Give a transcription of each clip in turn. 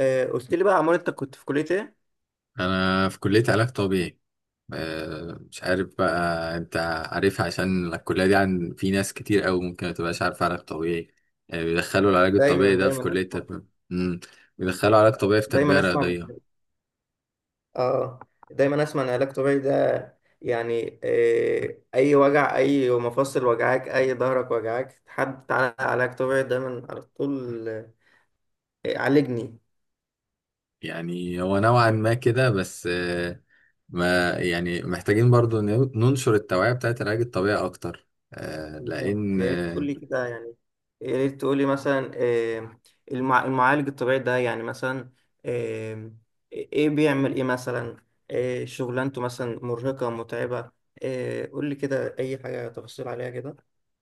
قلت لي بقى عمار، انت كنت في كلية ايه؟ انا في كلية علاج طبيعي. مش عارف بقى انت عارف، عشان الكلية دي عن في ناس كتير قوي ممكن ما تبقاش عارفة علاج طبيعي. بيدخلوا العلاج الطبيعي دايما ده في دايما كلية اسمع. تربية. بيدخلوا علاج طبيعي في دايما تربية اسمع رياضية. عن- اه دايما اسمع ان علاج طبيعي ده يعني، اي وجع، اي مفاصل وجعاك، اي ظهرك وجعاك، حد تعالى علاج طبيعي دايما على طول. عالجني. يعني هو نوعا ما كده بس. ما يعني محتاجين برضو ننشر التوعية بتاعت العلاج الطبيعي اكتر، آه، بالظبط، لان يا ريت تقول لي كده يعني، يا ريت تقول لي مثلا، المعالج الطبيعي ده يعني مثلا، آه، ايه بيعمل ايه مثلا؟ شغلانته مثلا مرهقة متعبة؟ قول لي كده اي حاجة تفاصيل عليها كده.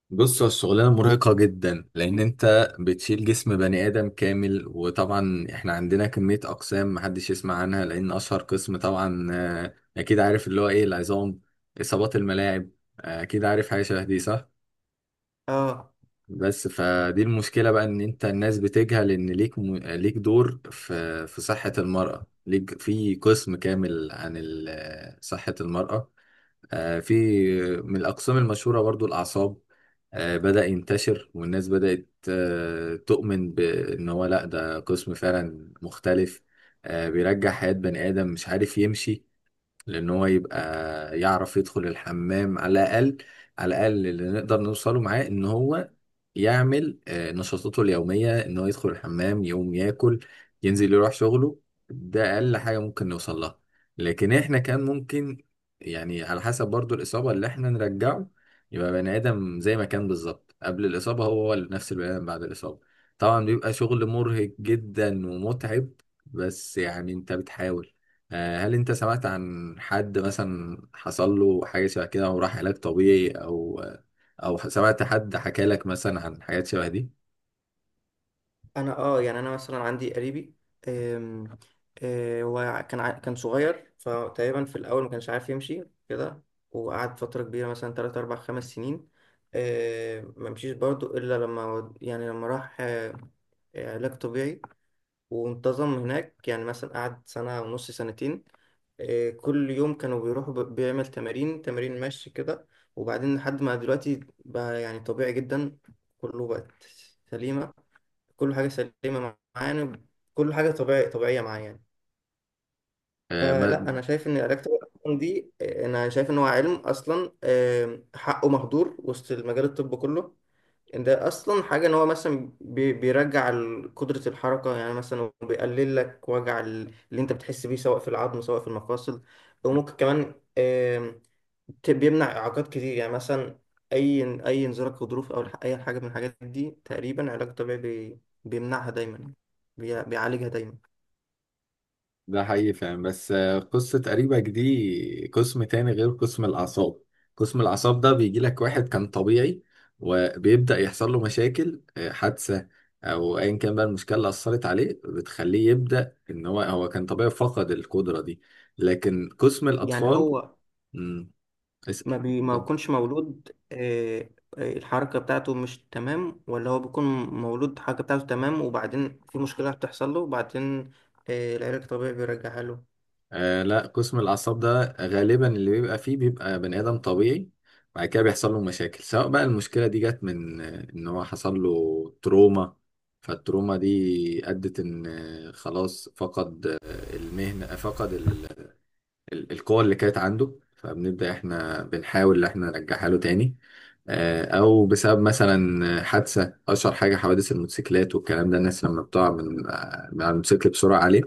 بص، هو الشغلانة مرهقة جدا، لأن أنت بتشيل جسم بني آدم كامل. وطبعا إحنا عندنا كمية أقسام محدش يسمع عنها، لأن أشهر قسم طبعا أكيد عارف اللي هو إيه، العظام، إصابات الملاعب. أكيد عارف حاجة شبه دي، صح؟ اه، بس فدي المشكلة بقى، إن أنت الناس بتجهل إن ليك ليك دور في صحة المرأة. ليك في قسم كامل عن صحة المرأة. آه، في من الأقسام المشهورة برضو الأعصاب. بدأ ينتشر، والناس بدأت تؤمن بأن هو لأ، ده قسم فعلا مختلف. بيرجع حياة بني آدم مش عارف يمشي، لان هو يبقى يعرف يدخل الحمام على الاقل. على الاقل اللي نقدر نوصله معاه، ان هو يعمل نشاطاته اليوميه، ان هو يدخل الحمام، يقوم ياكل، ينزل يروح شغله. ده اقل حاجه ممكن نوصل لها. لكن احنا كان ممكن، يعني على حسب برضو الاصابه اللي احنا نرجعه، يبقى بني ادم زي ما كان بالظبط قبل الاصابه، هو هو نفس البني ادم بعد الاصابه. طبعا بيبقى شغل مرهق جدا ومتعب، بس يعني انت بتحاول. هل انت سمعت عن حد مثلا حصل له حاجة شبه كده، وراح علاج طبيعي، او او سمعت حد حكى لك مثلا عن حاجات شبه دي؟ انا يعني انا مثلا عندي قريبي. آم، هو كان كان صغير، فتقريبا في الاول ما كانش عارف يمشي كده. وقعد فتره كبيره مثلا 3 4 5 سنين. ما مشيش برضه الا لما يعني لما راح علاج طبيعي، وانتظم هناك. يعني مثلا قعد سنه ونص، سنتين. كل يوم كانوا بيروحوا، بيعمل تمارين، تمارين مشي كده. وبعدين لحد ما دلوقتي بقى يعني طبيعي جدا. كله بقت سليمة. كل حاجة سليمة معانا. كل حاجة طبيعي طبيعية معايا يعني. آه، ما فلا، أنا شايف إن العلاج الطبيعي دي، أنا شايف إن هو علم أصلا حقه مهدور وسط المجال الطب كله. إن ده أصلا حاجة إن هو مثلا بيرجع قدرة الحركة، يعني مثلا بيقلل لك وجع اللي أنت بتحس بيه، سواء في العظم سواء في المفاصل. وممكن كمان بيمنع اعاقات كتير، يعني مثلا اي انزلاق غضروف، او اي حاجه من الحاجات دي. تقريبا علاج طبيعي بيمنعها دايما، بيعالجها دايما. ده حقيقي فعلا، بس. قصة قريبك دي قسم تاني غير قسم الأعصاب. قسم الأعصاب ده بيجي لك واحد كان طبيعي، وبيبدأ يحصل له مشاكل، حادثة أو أيا كان بقى، المشكلة اللي أثرت عليه بتخليه يبدأ، إن هو هو كان طبيعي فقد القدرة دي. لكن قسم يعني الأطفال هو مم، اسأل. ما اتفضل. بيكونش مولود الحركه بتاعته مش تمام، ولا هو بيكون مولود الحركه بتاعته تمام وبعدين في مشكله بتحصل له وبعدين العلاج الطبيعي بيرجعها له؟ آه لا، قسم الأعصاب ده غالبا اللي بيبقى فيه، بيبقى بني آدم طبيعي، بعد كده بيحصل له مشاكل، سواء بقى المشكلة دي جت من إن هو حصل له تروما. فالتروما دي أدت إن خلاص فقد المهنة، آه، فقد القوة اللي كانت عنده. فبنبدأ إحنا بنحاول إن إحنا نرجعها له تاني. أو بسبب مثلا حادثة. أشهر حاجة حوادث الموتوسيكلات والكلام ده، الناس لما بتقع من من على الموتوسيكل بسرعة عليه،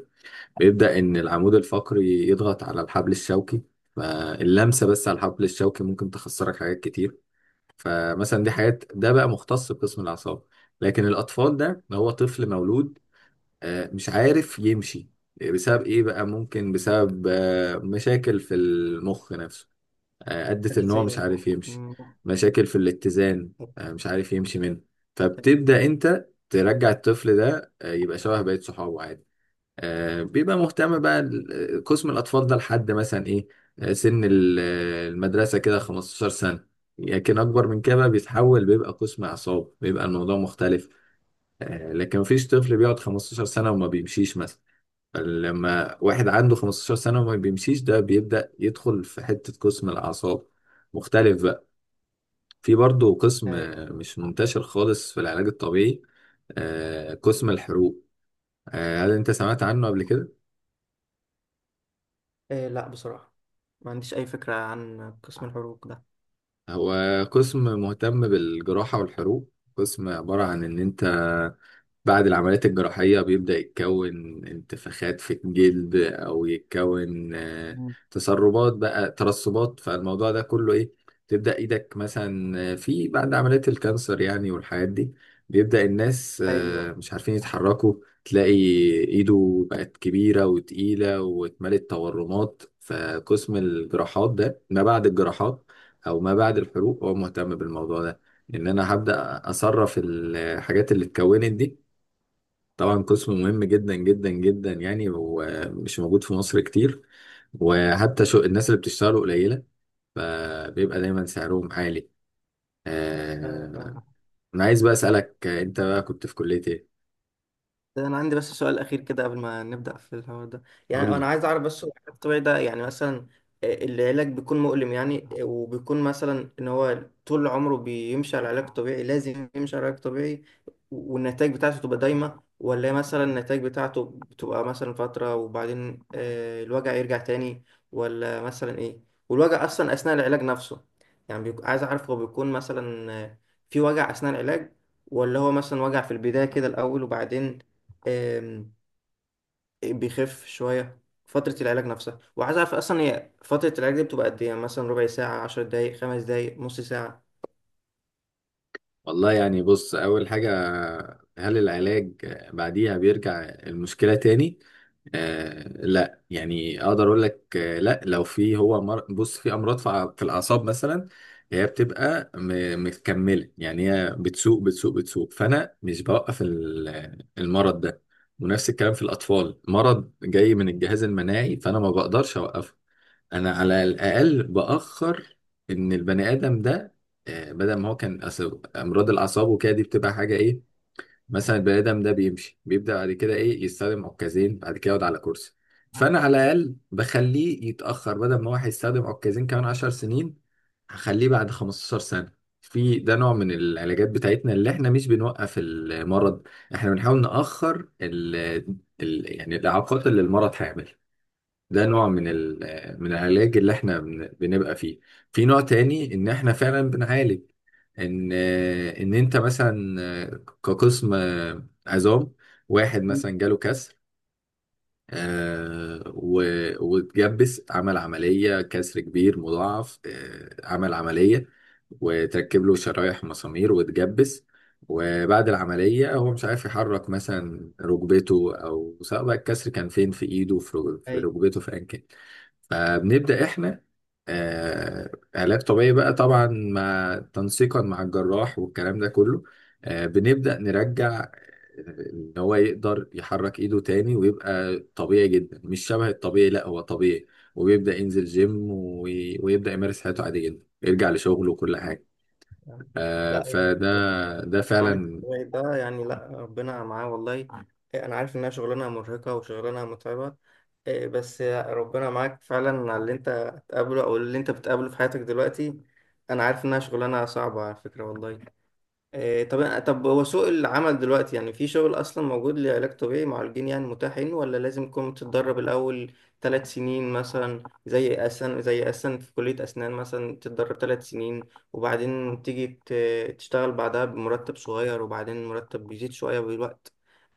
بيبدأ إن العمود الفقري يضغط على الحبل الشوكي. فاللمسة بس على الحبل الشوكي ممكن تخسرك حاجات كتير. فمثلا دي حاجات، ده بقى مختص بقسم الأعصاب. لكن الأطفال ده، هو طفل مولود مش عارف يمشي. بسبب إيه بقى؟ ممكن بسبب مشاكل في المخ نفسه أدت إن هو مش تغذيه. عارف يمشي. مم. مشاكل في الاتزان مش عارف يمشي منه. فبتبدأ أنت ترجع الطفل ده، يبقى شبه بقية صحابه عادي. بيبقى مهتم بقى قسم الأطفال ده لحد مثلا إيه، آه، سن المدرسة كده 15 سنة. لكن أكبر من كده بقى بيتحول، بيبقى قسم أعصاب، بيبقى الموضوع مختلف. لكن مفيش طفل بيقعد 15 سنة وما بيمشيش مثلا. لما واحد عنده 15 سنة وما بيمشيش، ده بيبدأ يدخل في حتة قسم الأعصاب، مختلف بقى. في برضه قسم ايوه. مش منتشر خالص في العلاج الطبيعي، قسم الحروق. هل أنت سمعت عنه قبل كده؟ لا، بصراحه ما عنديش اي فكره عن قسم الحروق ده. هو قسم مهتم بالجراحة والحروق. قسم عبارة عن إن أنت بعد العمليات الجراحية بيبدأ يتكون انتفاخات في الجلد، أو يتكون مم. تسربات بقى، ترسبات. فالموضوع ده كله إيه، تبدأ إيدك مثلا في بعد عمليات الكانسر يعني والحاجات دي، بيبدأ الناس ايوه. مش عارفين يتحركوا. تلاقي إيده بقت كبيرة وتقيلة واتملت تورمات. فقسم الجراحات ده، ما بعد الجراحات أو ما بعد الحروق، هو مهتم بالموضوع ده. إن أنا هبدأ أصرف الحاجات اللي اتكونت دي. طبعا قسم مهم جدا جدا جدا يعني، ومش موجود في مصر كتير، وحتى شو الناس اللي بتشتغله قليلة، فبيبقى دايما سعرهم عالي. ايوه، آه، فاهم. أنا عايز بقى أسألك، أنت بقى كنت في كلية إيه؟ ده انا عندي بس سؤال اخير كده قبل ما نبدا في الحوار ده. يعني قول انا لي. عايز اعرف بس، هو العلاج الطبيعي ده يعني مثلا، العلاج بيكون مؤلم؟ يعني وبيكون مثلا ان هو طول عمره بيمشي على العلاج الطبيعي، لازم يمشي على العلاج الطبيعي؟ والنتائج بتاعته تبقى دايمه، ولا مثلا النتائج بتاعته بتبقى مثلا فتره وبعدين الوجع يرجع تاني، ولا مثلا ايه؟ والوجع اصلا اثناء العلاج نفسه؟ يعني عايز اعرف، هو بيكون مثلا في وجع اثناء العلاج، ولا هو مثلا وجع في البداية كده الأول وبعدين آم، بيخف شوية فترة العلاج نفسها؟ وعايز أعرف أصلا، هي فترة العلاج دي بتبقى قد إيه؟ يعني مثلا ربع ساعة، عشر دقايق، خمس دقايق، نص ساعة؟ والله يعني بص، أول حاجة، هل العلاج بعديها بيرجع المشكلة تاني؟ آه لا يعني، أقدر أقول لك آه لا. لو في هو بص، في أمراض في في الأعصاب مثلا، هي بتبقى متكملة. يعني هي بتسوق بتسوق بتسوق، فأنا مش بوقف المرض ده. ونفس الكلام في الأطفال، مرض جاي من الجهاز المناعي فأنا ما بقدرش أوقفه. انا على الاقل باخر ان البني ادم ده، آه، بدل ما هو كان، أصل امراض الاعصاب وكده دي بتبقى حاجه ايه، مثلا البني ادم ده بيمشي، بيبدا بعد كده ايه يستخدم عكازين، بعد كده يقعد على كرسي. فانا على الاقل بخليه يتاخر، بدل ما هو هيستخدم عكازين كمان 10 سنين، هخليه بعد 15 سنه. في ده نوع من العلاجات بتاعتنا اللي احنا مش بنوقف المرض. احنا بنحاول ناخر ال يعني الاعاقات اللي المرض هيعملها. ده نوع من من العلاج اللي احنا بنبقى فيه. في نوع تاني، ان احنا فعلا بنعالج، ان انت مثلا كقسم عظام، واحد مم. مثلا جاله كسر آه، و- واتجبس. عمل عملية، كسر كبير مضاعف، آه، عمل عملية وتركب له شرايح مسامير واتجبس. وبعد العملية هو مش عارف يحرك مثلا ركبته، أو سواء بقى الكسر كان فين، في إيده، في في أي. ركبته، في أيا كان. فبنبدأ إحنا علاج طبيعي بقى، طبعا مع تنسيقا مع الجراح والكلام ده كله. بنبدأ نرجع إن هو يقدر يحرك إيده تاني، ويبقى طبيعي جدا، مش شبه الطبيعي، لا هو طبيعي. وبيبدأ ينزل جيم، ويبدأ يمارس حياته عادي جدا، يرجع لشغله وكل حاجة. لا، يعني فده ده معالج فعلا. الطبيعي ده يعني، لا ربنا معاه والله. إيه، أنا عارف إنها شغلانة مرهقة وشغلانة متعبة. إيه، بس ربنا معاك فعلا على اللي أنت هتقابله أو اللي أنت بتقابله في حياتك دلوقتي. أنا عارف إنها شغلانة صعبة على فكرة والله. إيه، طب هو سوق العمل دلوقتي يعني، في شغل اصلا موجود لعلاج طبيعي مع الجين يعني متاحين، ولا لازم تكون تتدرب الاول ثلاث سنين، مثلا زي اسن، زي اسن في كلية اسنان، مثلا تتدرب ثلاث سنين وبعدين تيجي تشتغل بعدها بمرتب صغير، وبعدين المرتب بيزيد شوية بالوقت؟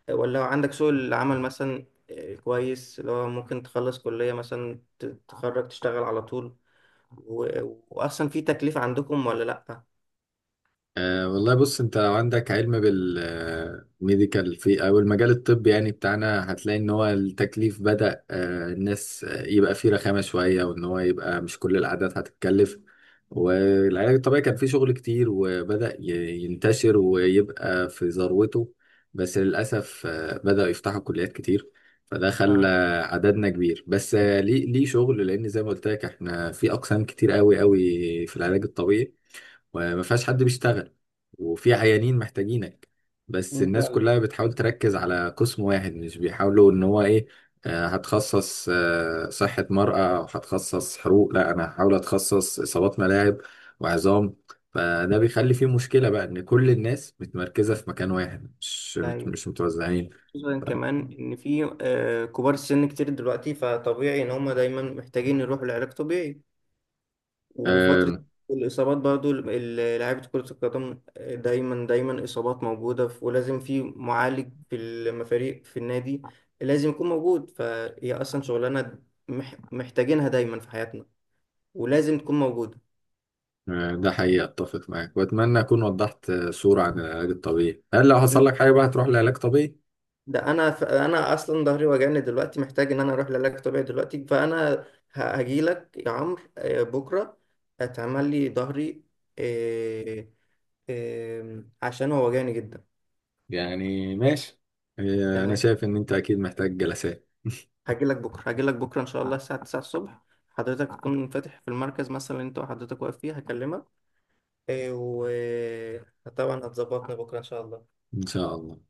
ولا عندك سوق العمل مثلا إيه، كويس، اللي هو ممكن تخلص كلية مثلا، تتخرج تشتغل على طول؟ و... واصلا في تكليف عندكم ولا لا؟ أه والله، بص انت لو عندك علم بالميديكال في او المجال الطبي يعني بتاعنا، هتلاقي ان هو التكليف بدأ أه الناس يبقى فيه رخامة شوية، وان هو يبقى مش كل العادات هتتكلف. والعلاج الطبيعي كان فيه شغل كتير، وبدأ ينتشر ويبقى في ذروته، بس للأسف بدأوا يفتحوا كليات كتير. فده خلى اه. عددنا كبير، بس، ليه ليه شغل، لأن زي ما قلت لك احنا في أقسام كتير قوي قوي في العلاج الطبيعي، وما فيهاش حد بيشتغل، وفي عيانين محتاجينك. بس مم، الناس فعلا. كلها بتحاول تركز على قسم واحد، مش بيحاولوا ان هو ايه، هتخصص صحة مرأة او هتخصص حروق. لا انا هحاول اتخصص اصابات ملاعب وعظام. فده بيخلي فيه مشكلة بقى، ان كل الناس متمركزة في مكان واحد، مش أيوة. مش متوزعين. خصوصا كمان ان في كبار السن كتير دلوقتي، فطبيعي ان هم دايما محتاجين يروحوا لعلاج طبيعي آم، وفترة الاصابات برضو لعيبة كرة القدم، دايما دايما اصابات موجودة، ولازم في معالج في المفاريق في النادي لازم يكون موجود. فهي اصلا شغلانة محتاجينها دايما في حياتنا، ولازم تكون موجودة. ده حقيقي، اتفق معاك، واتمنى اكون وضحت صورة عن العلاج الطبيعي. هل لو حصل لك حاجة بقى هتروح لعلاج طبيعي؟ ده انا انا اصلا ظهري وجعني دلوقتي، محتاج ان انا اروح لعلاج طبيعي دلوقتي، فانا هاجي لك يا عمرو بكره هتعمل لي ظهري آه، عشان هو وجعني جدا. يعني ماشي، إيه، انا تمام، شايف ان انت اكيد محتاج جلسات. هاجي لك بكره، هاجي لك بكره ان شاء الله الساعه 9 الصبح. حضرتك تكون فاتح في المركز مثلا اللي انت وحضرتك واقف فيه، هكلمك. آه، وطبعا هتظبطنا بكره ان شاء الله. ان شاء الله.